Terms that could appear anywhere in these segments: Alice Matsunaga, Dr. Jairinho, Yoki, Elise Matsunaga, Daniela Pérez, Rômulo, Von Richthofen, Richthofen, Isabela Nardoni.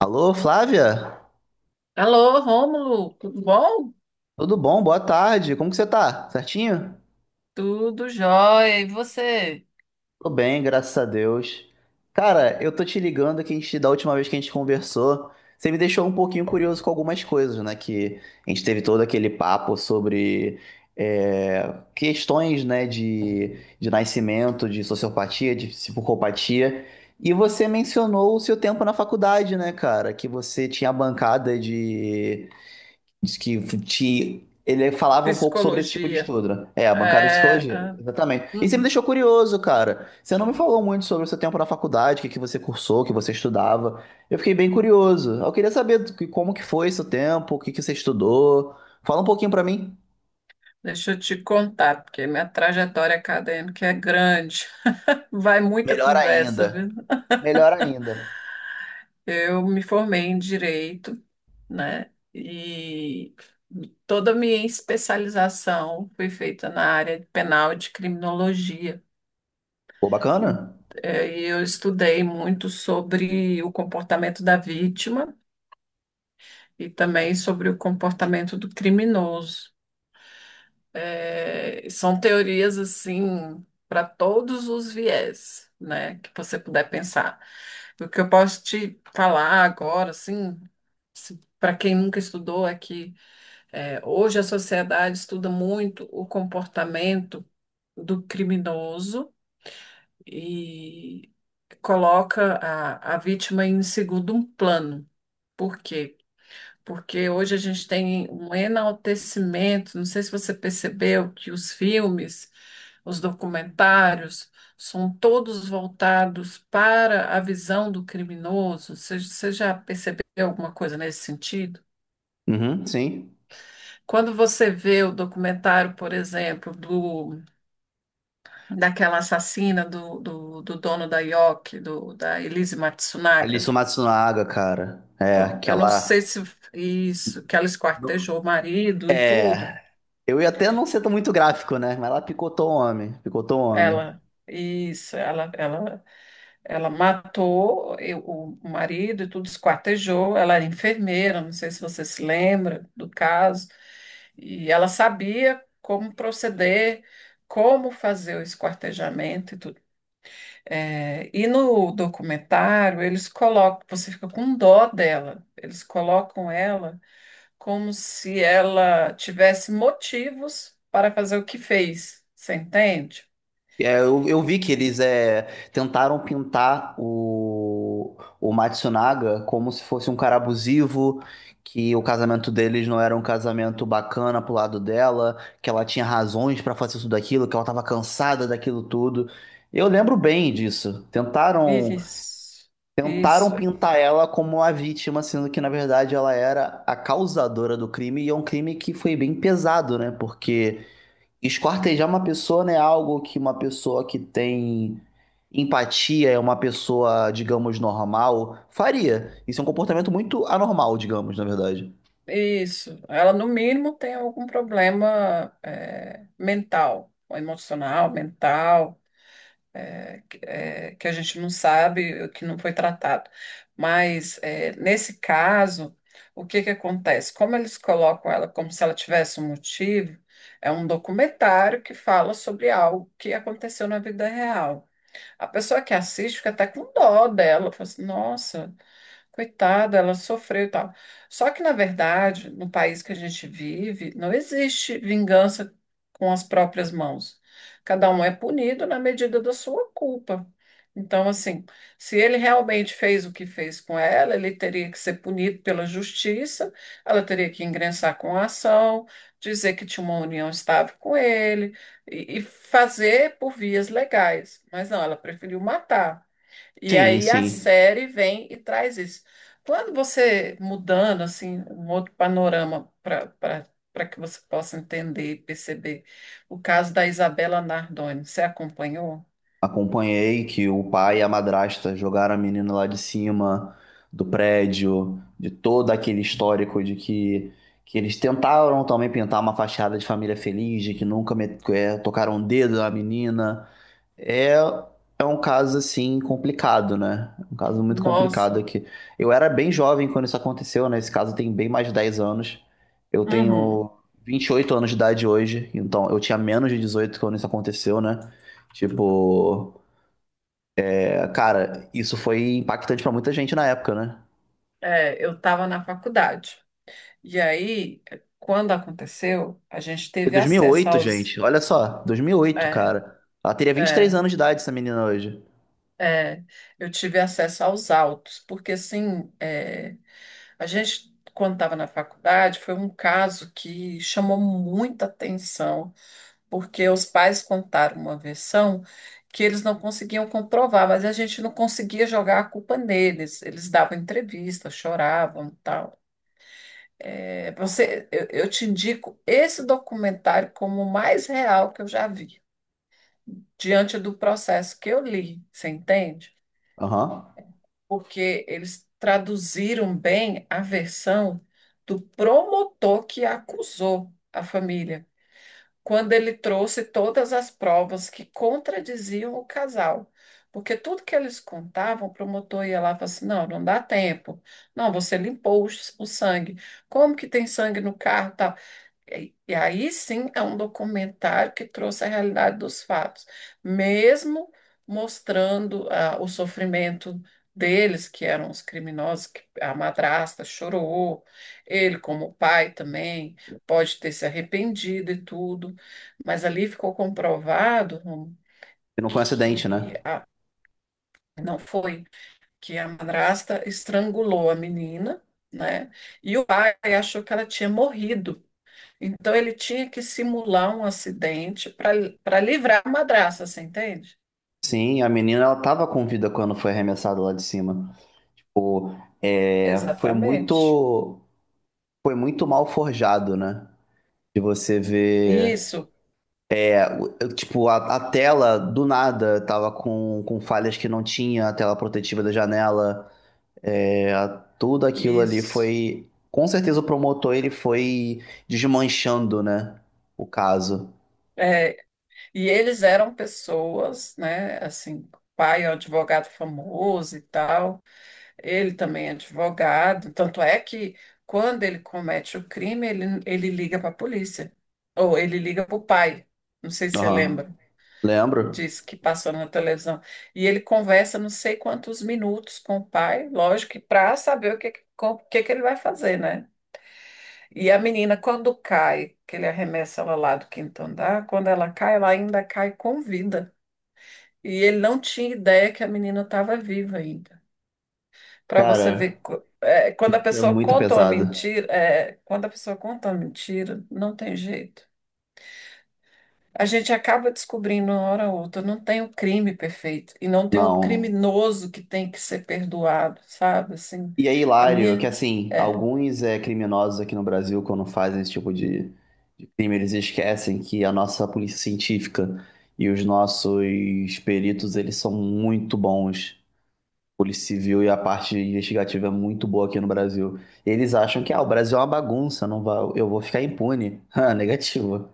Alô, Flávia? Alô, Rômulo, tudo bom? Tudo bom? Boa tarde. Como que você tá? Certinho? Tudo jóia. E você? Tô bem, graças a Deus. Cara, eu tô te ligando que a gente, da última vez que a gente conversou, você me deixou um pouquinho curioso com algumas coisas, né? Que a gente teve todo aquele papo sobre questões, né, de nascimento, de sociopatia, de psicopatia. E você mencionou o seu tempo na faculdade, né, cara? Que você tinha a bancada. Diz que te... ele falava um pouco sobre esse tipo de Psicologia. estudo, né? É, a bancada de É, psicologia, ah, exatamente. E você me uhum. deixou curioso, cara. Você não me falou muito sobre o seu tempo na faculdade, o que que você cursou, o que você estudava. Eu fiquei bem curioso. Eu queria saber como que foi seu tempo, o que que você estudou. Fala um pouquinho pra mim. Deixa eu te contar, porque minha trajetória acadêmica é grande. Vai muita Melhor conversa, viu? ainda. Melhor ainda. Eu me formei em direito, né? E toda a minha especialização foi feita na área de penal e de criminologia. Pô, E bacana? Eu estudei muito sobre o comportamento da vítima e também sobre o comportamento do criminoso. É, são teorias assim para todos os viés, né, que você puder pensar. O que eu posso te falar agora, assim, para quem nunca estudou, é que hoje a sociedade estuda muito o comportamento do criminoso e coloca a vítima em segundo plano. Por quê? Porque hoje a gente tem um enaltecimento. Não sei se você percebeu que os filmes, os documentários, são todos voltados para a visão do criminoso. Você já percebeu alguma coisa nesse sentido? Uhum, sim. Quando você vê o documentário, por exemplo, daquela assassina do dono da Yoki, da Elise Matsunaga, Alice Matsunaga, cara. É, então, eu não aquela. sei se isso, que ela esquartejou o marido e tudo. É. Eu ia até não ser tão muito gráfico, né? Mas ela picotou o homem. Picotou o homem. Ela, isso, ela matou o marido e tudo, esquartejou. Ela era enfermeira, não sei se você se lembra do caso. E ela sabia como proceder, como fazer o esquartejamento e tudo. É, e no documentário, eles colocam, você fica com dó dela, eles colocam ela como se ela tivesse motivos para fazer o que fez, você entende? É, eu vi que eles tentaram pintar o Matsunaga como se fosse um cara abusivo, que o casamento deles não era um casamento bacana pro lado dela, que ela tinha razões pra fazer tudo aquilo, que ela tava cansada daquilo tudo. Eu lembro bem disso. Tentaram, Isso, tentaram isso, pintar ela como a vítima, sendo que na verdade ela era a causadora do crime, e é um crime que foi bem pesado, né? Porque. Esquartejar uma pessoa não é algo que uma pessoa que tem empatia, é uma pessoa, digamos, normal, faria. Isso é um comportamento muito anormal, digamos, na verdade. isso. Ela, no mínimo, tem algum problema mental, ou emocional, mental, que que a gente não sabe, que não foi tratado. Mas, nesse caso, o que que acontece? Como eles colocam ela como se ela tivesse um motivo, é um documentário que fala sobre algo que aconteceu na vida real. A pessoa que assiste fica até com dó dela, fala assim, nossa. Coitada, ela sofreu e tal. Só que, na verdade, no país que a gente vive, não existe vingança com as próprias mãos. Cada um é punido na medida da sua culpa. Então, assim, se ele realmente fez o que fez com ela, ele teria que ser punido pela justiça, ela teria que ingressar com a ação, dizer que tinha uma união estável com ele e fazer por vias legais. Mas não, ela preferiu matar. E Sim, aí a sim. série vem e traz isso. Quando você mudando assim um outro panorama para que você possa entender e perceber o caso da Isabela Nardoni, você acompanhou? Acompanhei que o pai e a madrasta jogaram a menina lá de cima do prédio, de todo aquele histórico de que eles tentaram também pintar uma fachada de família feliz, de que nunca me- eh, tocaram o dedo na menina. É, é um caso assim complicado, né? Um caso muito complicado Nossa. aqui. Eu era bem jovem quando isso aconteceu, né? Esse caso tem bem mais de 10 anos. Eu Uhum. tenho 28 anos de idade hoje, então eu tinha menos de 18 quando isso aconteceu, né? Tipo, cara, isso foi impactante pra muita gente na época, né? É, eu estava na faculdade. E aí, quando aconteceu, a gente teve Em acesso oito, aos. gente, olha só, 2008, cara. Ela teria 23 anos de idade, essa menina hoje. É, eu tive acesso aos autos, porque assim, a gente, quando estava na faculdade, foi um caso que chamou muita atenção, porque os pais contaram uma versão que eles não conseguiam comprovar, mas a gente não conseguia jogar a culpa neles. Eles davam entrevista, choravam, e tal. É, você, eu te indico esse documentário como o mais real que eu já vi, diante do processo que eu li, você entende? Aham. Porque eles traduziram bem a versão do promotor que acusou a família, quando ele trouxe todas as provas que contradiziam o casal. Porque tudo que eles contavam, o promotor ia lá e falava assim: não, não dá tempo. Não, você limpou o sangue. Como que tem sangue no carro? Tal? E aí sim é um documentário que trouxe a realidade dos fatos, mesmo mostrando ah, o sofrimento deles, que eram os criminosos, que a madrasta chorou, ele como pai também pode ter se arrependido e tudo, mas ali ficou comprovado Rômulo, E não foi um acidente, que né? Não foi, que a madrasta estrangulou a menina, né? E o pai achou que ela tinha morrido. Então ele tinha que simular um acidente para livrar a madraça, você entende? Sim, a menina ela tava com vida quando foi arremessada lá de cima. Pô, é, foi Exatamente. muito, foi muito mal forjado, né? De você ver, Isso, tipo, a tela do nada tava com falhas que não tinha, a tela protetiva da janela, é, a- tudo aquilo ali isso. foi, com certeza o promotor ele foi desmanchando, né? O caso. É, e eles eram pessoas, né? Assim, o pai é um advogado famoso e tal, ele também é advogado. Tanto é que quando ele comete o crime, ele liga para a polícia, ou ele liga para o pai. Não sei se você Aham. lembra. Lembro? Disse que passou na televisão. E ele conversa não sei quantos minutos com o pai, lógico, que para saber o que, que ele vai fazer, né? E a menina, quando cai, que ele arremessa ela lá do quinto andar, quando ela cai, ela ainda cai com vida. E ele não tinha ideia que a menina estava viva ainda. Para você Cara, ver, quando a é pessoa muito conta uma pesado. mentira, quando a pessoa conta uma mentira, não tem jeito. A gente acaba descobrindo uma hora ou outra, não tem o crime perfeito e não tem o Não. criminoso que tem que ser perdoado, sabe? Assim, E é a hilário que, minha assim, é, alguns criminosos aqui no Brasil, quando fazem esse tipo de crime, eles esquecem que a nossa polícia científica e os nossos peritos, eles são muito bons. Polícia Civil e a parte investigativa é muito boa aqui no Brasil. Eles acham que, ah, o Brasil é uma bagunça, não vai, eu vou ficar impune. Ah, negativo,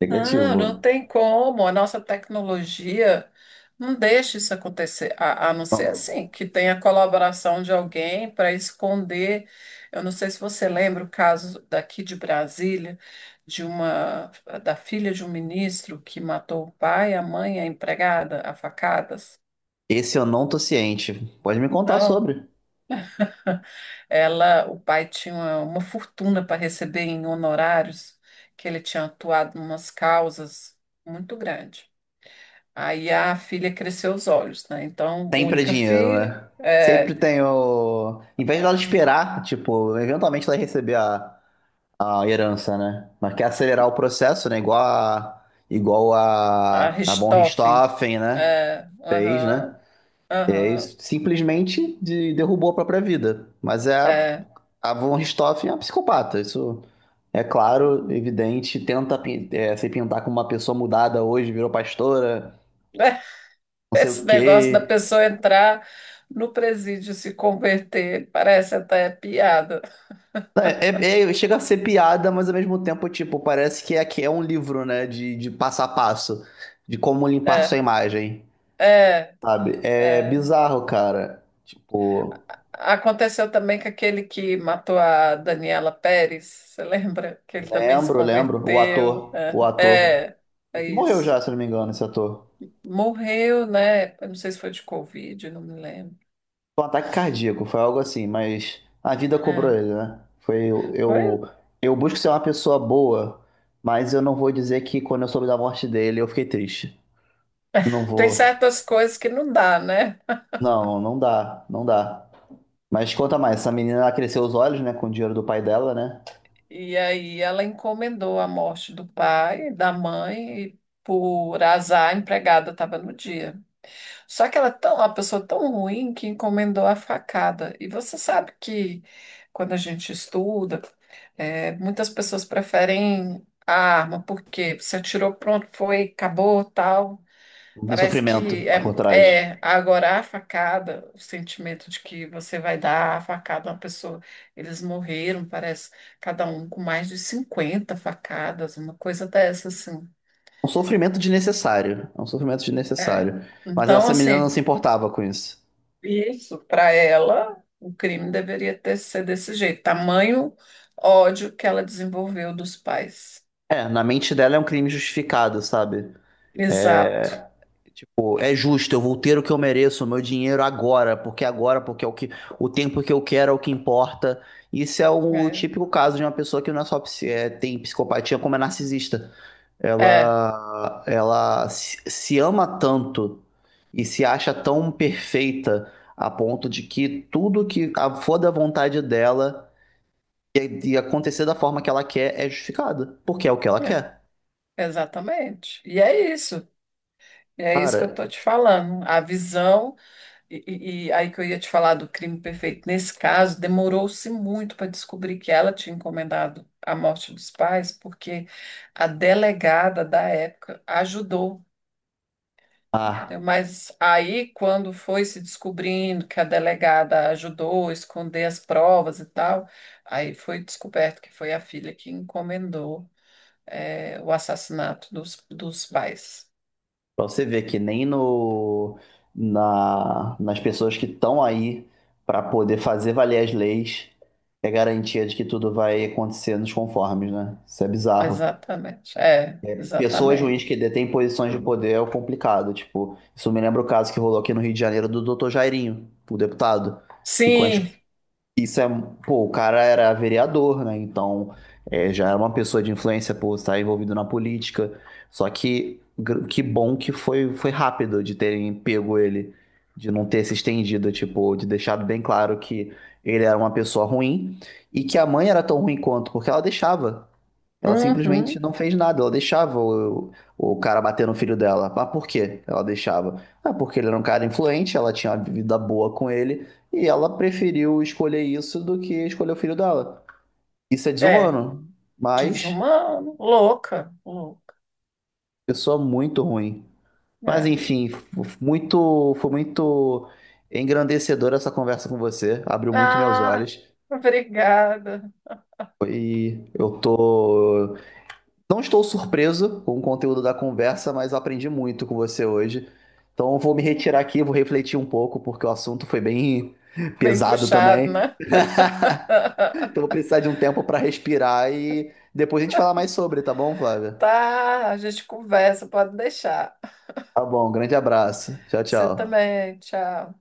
não, não negativo. tem como. A nossa tecnologia não deixa isso acontecer, a não ser Não, assim, que tenha colaboração de alguém para esconder. Eu não sei se você lembra o caso daqui de Brasília, de uma da filha de um ministro que matou o pai, a mãe, e a empregada, a facadas. esse eu não tô ciente. Pode me contar Não. sobre. Ela, o pai tinha uma fortuna para receber em honorários, que ele tinha atuado em umas causas muito grande. Aí a filha cresceu os olhos, né? Então, Sempre é única dinheiro, filha, né? Sempre é, tem o. Em vez dela é, esperar, tipo, eventualmente ela vai receber a herança, né? Mas quer acelerar o processo, né? Igual a. Igual a a. A Von Richthofen, Richthofen, né? é, Fez, né? aham, E aí, aham, simplesmente derrubou a própria vida. Mas é. É. A Von Richthofen é uma psicopata. Isso é claro, evidente. Se pintar como uma pessoa mudada hoje, virou pastora, não sei o Esse negócio da quê. pessoa entrar no presídio e se converter, parece até piada. É, chega a ser piada, mas ao mesmo tempo, tipo, parece que é um livro, né? De passo a passo, de como limpar sua É, imagem, é, sabe? É é. bizarro, cara. Tipo, Aconteceu também com aquele que matou a Daniela Pérez, você lembra? Que ele também se lembro, lembro. O converteu. ator, É, o ator. é, é Esse morreu isso. já, se eu não me engano, esse ator. Morreu, né? Eu não sei se foi de Covid, não me lembro. Foi um ataque cardíaco, foi algo assim, mas a vida cobrou É, ele, né? Foi- Eu busco ser uma pessoa boa, mas eu não vou dizer que quando eu soube da morte dele, eu fiquei triste. Não tem vou. certas coisas que não dá, né? Não, não dá, não dá. Mas conta mais, essa menina ela cresceu os olhos, né, com o dinheiro do pai dela, né? E aí ela encomendou a morte do pai, da mãe, e por azar a empregada estava no dia. Só que ela é tão, uma pessoa tão ruim que encomendou a facada. E você sabe que quando a gente estuda, muitas pessoas preferem a arma, porque você atirou, pronto, foi, acabou, tal. Não tem Parece sofrimento que lá por trás. é agora a facada, o sentimento de que você vai dar a facada a uma pessoa. Eles morreram, parece, cada um com mais de 50 facadas, uma coisa dessa, assim. É um sofrimento desnecessário. É um sofrimento É. desnecessário. Mas Então, essa menina não assim. se importava com isso. Isso, para ela, o crime deveria ter ser desse jeito, tamanho ódio que ela desenvolveu dos pais. É, na mente dela é um crime justificado, sabe? É, Exato. é justo, eu vou ter o que eu mereço, o meu dinheiro agora, porque é o que o tempo que eu quero é o que importa. Isso é o É, típico caso de uma pessoa que não é tem psicopatia, como é narcisista. é, Ela se ama tanto e se acha tão perfeita a ponto de que tudo que for da vontade dela e acontecer da forma que ela quer é justificado, porque é o que ela é, quer. exatamente. E é isso. E é isso que eu Cara, estou te falando. A visão, e aí que eu ia te falar do crime perfeito. Nesse caso, demorou-se muito para descobrir que ela tinha encomendado a morte dos pais, porque a delegada da época ajudou. Então, ah, mas aí, quando foi se descobrindo que a delegada ajudou a esconder as provas e tal, aí foi descoberto que foi a filha que encomendou, o assassinato dos pais. pra você ver que nem no, na, nas pessoas que estão aí pra poder fazer valer as leis é garantia de que tudo vai acontecer nos conformes, né? Isso é bizarro. Exatamente, é, Pessoas ruins que exatamente. detêm posições de poder é o complicado. Tipo, isso me lembra o caso que rolou aqui no Rio de Janeiro do Dr. Jairinho, o deputado. Que com as... Sim, Isso é. Pô, o cara era vereador, né? Então já era uma pessoa de influência por estar envolvido na política. Que bom que foi, foi rápido de terem pego ele, de não ter se estendido, tipo, de deixado bem claro que ele era uma pessoa ruim e que a mãe era tão ruim quanto, porque ela deixava. Ela simplesmente uhum, não fez nada, ela deixava o cara bater no filho dela. Mas por quê? Ela deixava. Ah, porque ele era um cara influente, ela tinha uma vida boa com ele, e ela preferiu escolher isso do que escolher o filho dela. Isso é é, desumano, mas desumano, louca, louca, pessoa muito ruim. Mas é. enfim, foi muito engrandecedora essa conversa com você, abriu muito meus Ah, olhos. obrigada. E eu tô. Não estou surpreso com o conteúdo da conversa, mas eu aprendi muito com você hoje. Então eu vou me retirar aqui, vou refletir um pouco, porque o assunto foi bem Bem pesado puxado, também. né? Então eu vou precisar de um tempo para respirar e depois a gente falar mais sobre, tá bom, Flávia? Tá, a gente conversa, pode deixar. Tá bom, grande abraço. Tchau, Você tchau. também. Tchau.